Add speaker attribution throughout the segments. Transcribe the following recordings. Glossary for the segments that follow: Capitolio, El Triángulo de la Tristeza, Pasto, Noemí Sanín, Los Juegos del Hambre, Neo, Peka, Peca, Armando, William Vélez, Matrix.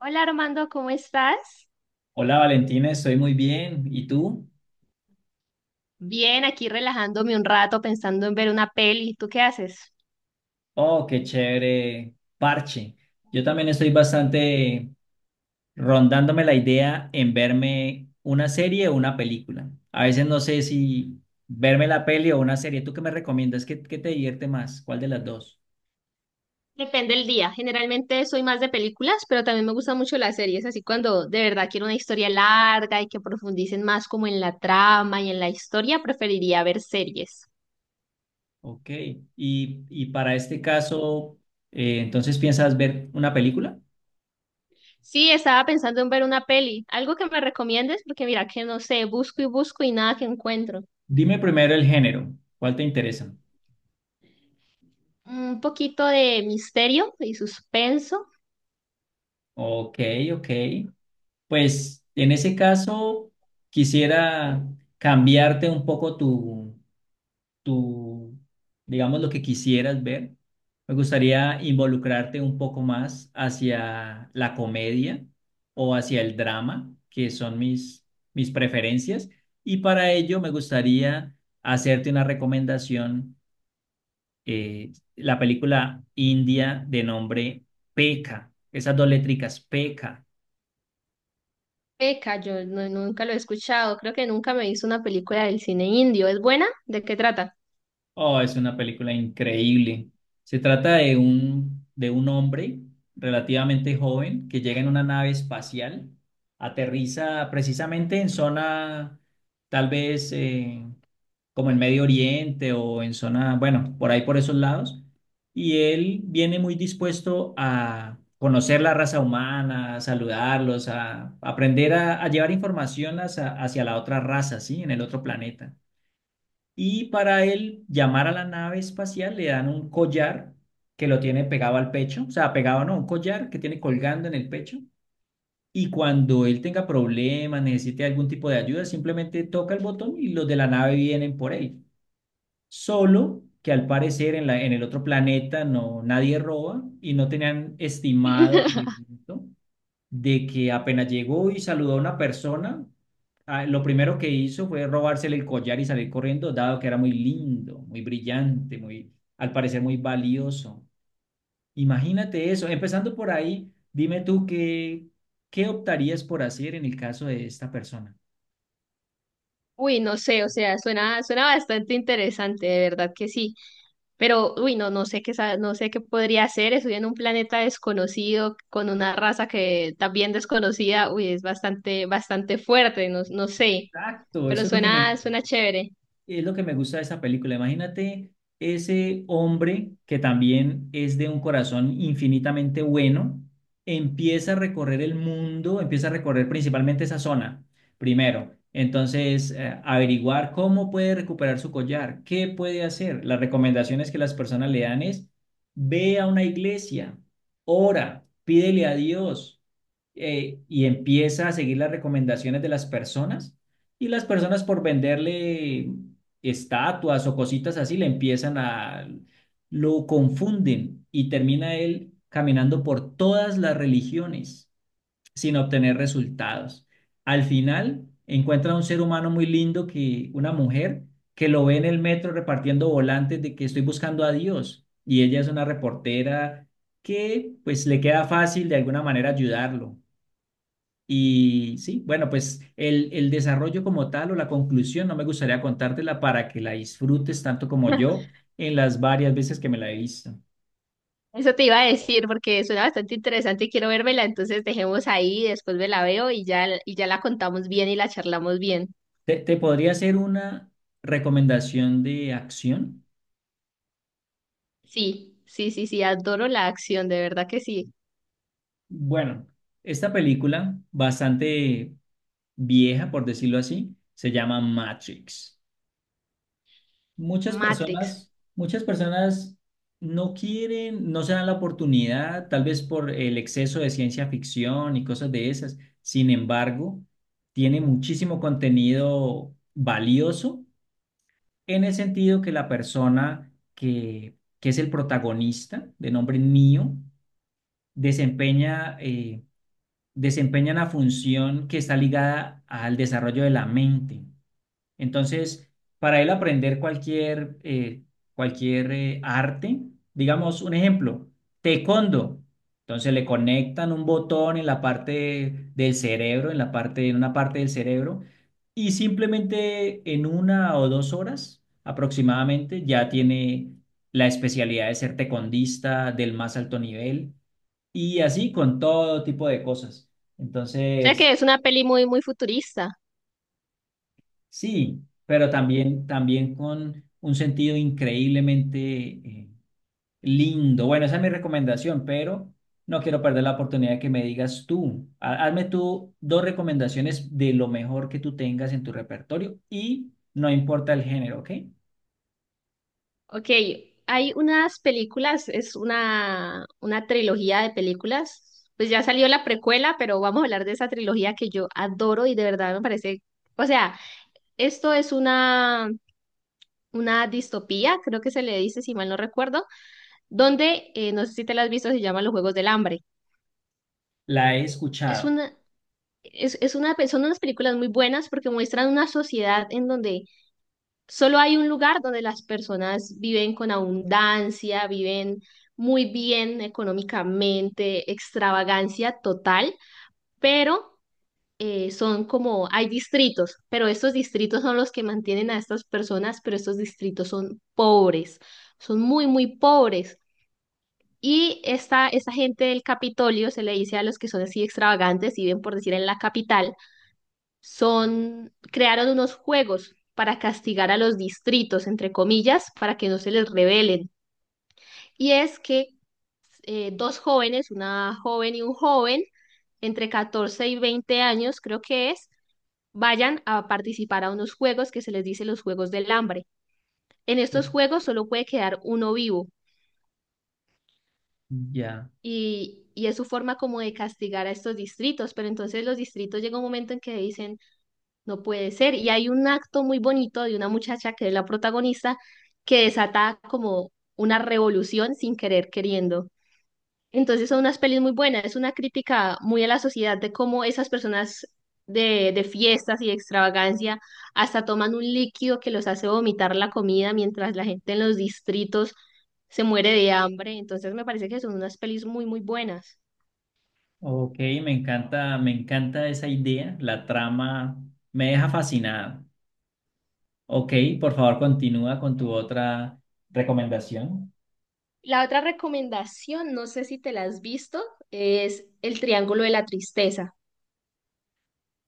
Speaker 1: Hola Armando, ¿cómo estás?
Speaker 2: Hola Valentina, estoy muy bien. ¿Y tú?
Speaker 1: Bien, aquí relajándome un rato pensando en ver una peli. ¿Tú qué haces?
Speaker 2: Oh, qué chévere parche. Yo también estoy bastante rondándome la idea en verme una serie o una película. A veces no sé si verme la peli o una serie. ¿Tú qué me recomiendas? ¿Qué te divierte más? ¿Cuál de las dos?
Speaker 1: Depende del día. Generalmente soy más de películas, pero también me gustan mucho las series, así cuando de verdad quiero una historia larga y que profundicen más como en la trama y en la historia, preferiría ver series.
Speaker 2: Ok. Y para este caso, ¿entonces piensas ver una película?
Speaker 1: Sí, estaba pensando en ver una peli. ¿Algo que me recomiendes? Porque mira que no sé, busco y busco y nada que encuentro.
Speaker 2: Dime primero el género. ¿Cuál te interesa?
Speaker 1: Un poquito de misterio y suspenso.
Speaker 2: Ok, ok. Pues en ese caso, quisiera cambiarte un poco tu, digamos, lo que quisieras ver. Me gustaría involucrarte un poco más hacia la comedia o hacia el drama, que son mis preferencias. Y para ello me gustaría hacerte una recomendación, la película india de nombre Peka, esas dos letricas, Peka.
Speaker 1: Peca, yo no- nunca lo he escuchado. Creo que nunca me hizo una película del cine indio. ¿Es buena? ¿De qué trata?
Speaker 2: Oh, es una película increíble. Se trata de un hombre relativamente joven que llega en una nave espacial, aterriza precisamente en zona, tal vez como en Medio Oriente o en zona, bueno, por ahí por esos lados. Y él viene muy dispuesto a conocer la raza humana, a saludarlos, a aprender a llevar información hacia la otra raza, ¿sí? En el otro planeta. Y para él llamar a la nave espacial le dan un collar que lo tiene pegado al pecho, o sea, pegado no, un collar que tiene colgando en el pecho. Y cuando él tenga problemas, necesite algún tipo de ayuda, simplemente toca el botón y los de la nave vienen por él. Solo que al parecer en el otro planeta no, nadie roba y no tenían estimado el evento de que apenas llegó y saludó a una persona, ah, lo primero que hizo fue robársele el collar y salir corriendo, dado que era muy lindo, muy brillante, muy, al parecer muy valioso. Imagínate eso. Empezando por ahí, dime tú qué optarías por hacer en el caso de esta persona.
Speaker 1: Uy, no sé, o sea, suena bastante interesante, de verdad que sí. Pero, uy, no, no sé qué podría hacer. Estoy en un planeta desconocido con una raza que también desconocida. Uy, es bastante fuerte, no, no sé.
Speaker 2: Exacto,
Speaker 1: Pero
Speaker 2: eso es lo que me,
Speaker 1: suena chévere.
Speaker 2: es lo que me gusta de esa película. Imagínate ese hombre que también es de un corazón infinitamente bueno, empieza a recorrer el mundo, empieza a recorrer principalmente esa zona, primero. Entonces, averiguar cómo puede recuperar su collar, qué puede hacer. Las recomendaciones que las personas le dan es, ve a una iglesia, ora, pídele a Dios, y empieza a seguir las recomendaciones de las personas. Y las personas por venderle estatuas o cositas así, lo confunden y termina él caminando por todas las religiones sin obtener resultados. Al final encuentra a un ser humano muy lindo que, una mujer, que lo ve en el metro repartiendo volantes de que estoy buscando a Dios y ella es una reportera que pues le queda fácil de alguna manera ayudarlo. Y sí, bueno, pues el desarrollo como tal o la conclusión no me gustaría contártela para que la disfrutes tanto como yo en las varias veces que me la he visto.
Speaker 1: Eso te iba a decir porque suena bastante interesante y quiero vérmela, entonces dejemos ahí, después me la veo y ya la contamos bien y la charlamos bien.
Speaker 2: ¿Te podría hacer una recomendación de acción?
Speaker 1: Sí, sí, sí, sí, adoro la acción, de verdad que sí.
Speaker 2: Bueno, esta película, bastante vieja, por decirlo así, se llama Matrix.
Speaker 1: Matrix.
Speaker 2: Muchas personas no quieren, no se dan la oportunidad, tal vez por el exceso de ciencia ficción y cosas de esas. Sin embargo, tiene muchísimo contenido valioso en el sentido que que es el protagonista, de nombre Neo, desempeña, eh, desempeña una función que está ligada al desarrollo de la mente. Entonces, para él aprender cualquier arte, digamos un ejemplo, taekwondo. Entonces le conectan un botón en la parte del cerebro, en una parte del cerebro, y simplemente en una o dos horas aproximadamente ya tiene la especialidad de ser taekwondista del más alto nivel y así con todo tipo de cosas.
Speaker 1: O sea
Speaker 2: Entonces,
Speaker 1: que es una peli muy futurista.
Speaker 2: sí, pero también con un sentido increíblemente lindo. Bueno, esa es mi recomendación, pero no quiero perder la oportunidad de que me digas tú. Hazme tú dos recomendaciones de lo mejor que tú tengas en tu repertorio y no importa el género, ¿ok?
Speaker 1: Ok, hay unas películas, es una trilogía de películas. Pues ya salió la precuela, pero vamos a hablar de esa trilogía que yo adoro y de verdad me parece, o sea, esto es una distopía, creo que se le dice, si mal no recuerdo, donde, no sé si te las has visto, se llaman Los Juegos del Hambre.
Speaker 2: La he
Speaker 1: Es
Speaker 2: escuchado.
Speaker 1: una, es una, son unas películas muy buenas porque muestran una sociedad en donde solo hay un lugar donde las personas viven con abundancia, viven muy bien económicamente, extravagancia total, pero son como, hay distritos, pero estos distritos son los que mantienen a estas personas, pero estos distritos son pobres, son muy pobres. Y esta gente del Capitolio, se le dice a los que son así extravagantes, y viven por decir en la capital, son, crearon unos juegos para castigar a los distritos, entre comillas, para que no se les rebelen. Y es que dos jóvenes, una joven y un joven, entre 14 y 20 años, creo que es, vayan a participar a unos juegos que se les dice los Juegos del Hambre. En estos juegos solo puede quedar uno vivo.
Speaker 2: Ya,
Speaker 1: Y es su forma como de castigar a estos distritos, pero entonces los distritos llega un momento en que dicen, no puede ser. Y hay un acto muy bonito de una muchacha que es la protagonista que desata como una revolución sin querer queriendo. Entonces son unas pelis muy buenas, es una crítica muy a la sociedad de cómo esas personas de fiestas y de extravagancia hasta toman un líquido que los hace vomitar la comida mientras la gente en los distritos se muere de hambre. Entonces me parece que son unas pelis muy buenas.
Speaker 2: ok, me encanta esa idea, la trama me deja fascinado. Ok, por favor, continúa con tu otra recomendación.
Speaker 1: La otra recomendación, no sé si te la has visto, es El Triángulo de la Tristeza.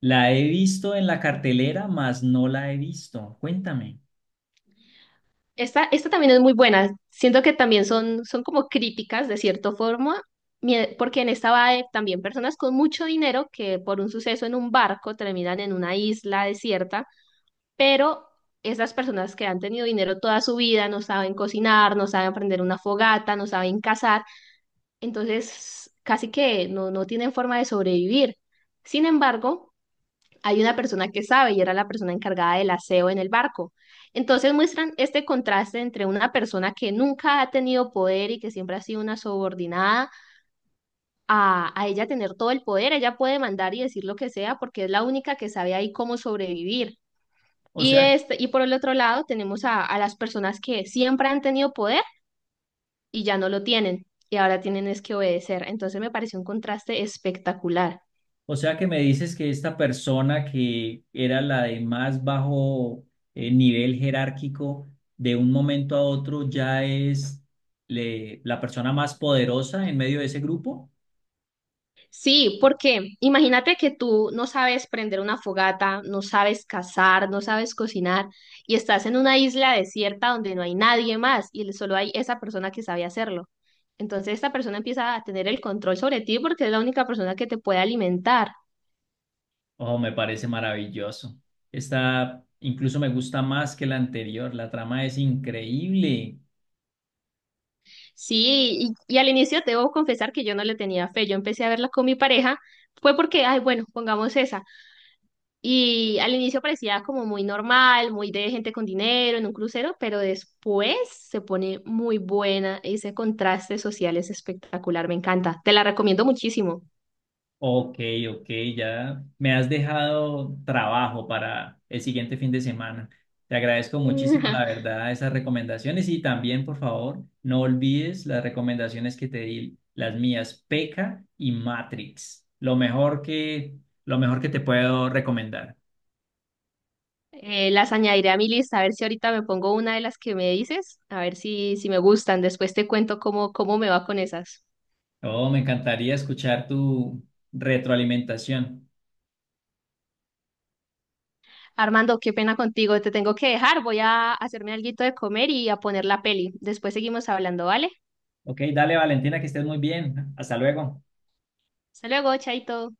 Speaker 2: La he visto en la cartelera, mas no la he visto. Cuéntame.
Speaker 1: Esta también es muy buena. Siento que también son, son como críticas de cierta forma, porque en esta va también personas con mucho dinero que por un suceso en un barco terminan en una isla desierta, pero esas personas que han tenido dinero toda su vida no saben cocinar, no saben prender una fogata, no saben cazar, entonces casi que no, no tienen forma de sobrevivir. Sin embargo, hay una persona que sabe y era la persona encargada del aseo en el barco. Entonces muestran este contraste entre una persona que nunca ha tenido poder y que siempre ha sido una subordinada a ella tener todo el poder. Ella puede mandar y decir lo que sea porque es la única que sabe ahí cómo sobrevivir.
Speaker 2: O
Speaker 1: Y,
Speaker 2: sea,
Speaker 1: este, y por el otro lado tenemos a las personas que siempre han tenido poder y ya no lo tienen y ahora tienen es que obedecer. Entonces me pareció un contraste espectacular.
Speaker 2: o sea que me dices que esta persona que era la de más bajo, nivel jerárquico, de un momento a otro ya es la persona más poderosa en medio de ese grupo.
Speaker 1: Sí, porque imagínate que tú no sabes prender una fogata, no sabes cazar, no sabes cocinar y estás en una isla desierta donde no hay nadie más y solo hay esa persona que sabe hacerlo. Entonces esta persona empieza a tener el control sobre ti porque es la única persona que te puede alimentar.
Speaker 2: Oh, me parece maravilloso. Esta incluso me gusta más que la anterior. La trama es increíble.
Speaker 1: Sí, y al inicio te debo confesar que yo no le tenía fe. Yo empecé a verla con mi pareja, fue porque, ay, bueno, pongamos esa. Y al inicio parecía como muy normal, muy de gente con dinero en un crucero, pero después se pone muy buena. Ese contraste social es espectacular, me encanta. Te la recomiendo muchísimo.
Speaker 2: Ok, ok, ya me has dejado trabajo para el siguiente fin de semana. Te agradezco muchísimo, la verdad, esas recomendaciones y también, por favor, no olvides las recomendaciones que te di, las mías, P.E.K.K.A. y Matrix, lo mejor que te puedo recomendar.
Speaker 1: Las añadiré a mi lista, a ver si ahorita me pongo una de las que me dices, a ver si, si me gustan. Después te cuento cómo me va con esas.
Speaker 2: Oh, me encantaría escuchar tu retroalimentación.
Speaker 1: Armando, qué pena contigo, te tengo que dejar. Voy a hacerme alguito de comer y a poner la peli. Después seguimos hablando, ¿vale?
Speaker 2: Ok, dale, Valentina, que estés muy bien. Hasta luego.
Speaker 1: Hasta luego, chaito.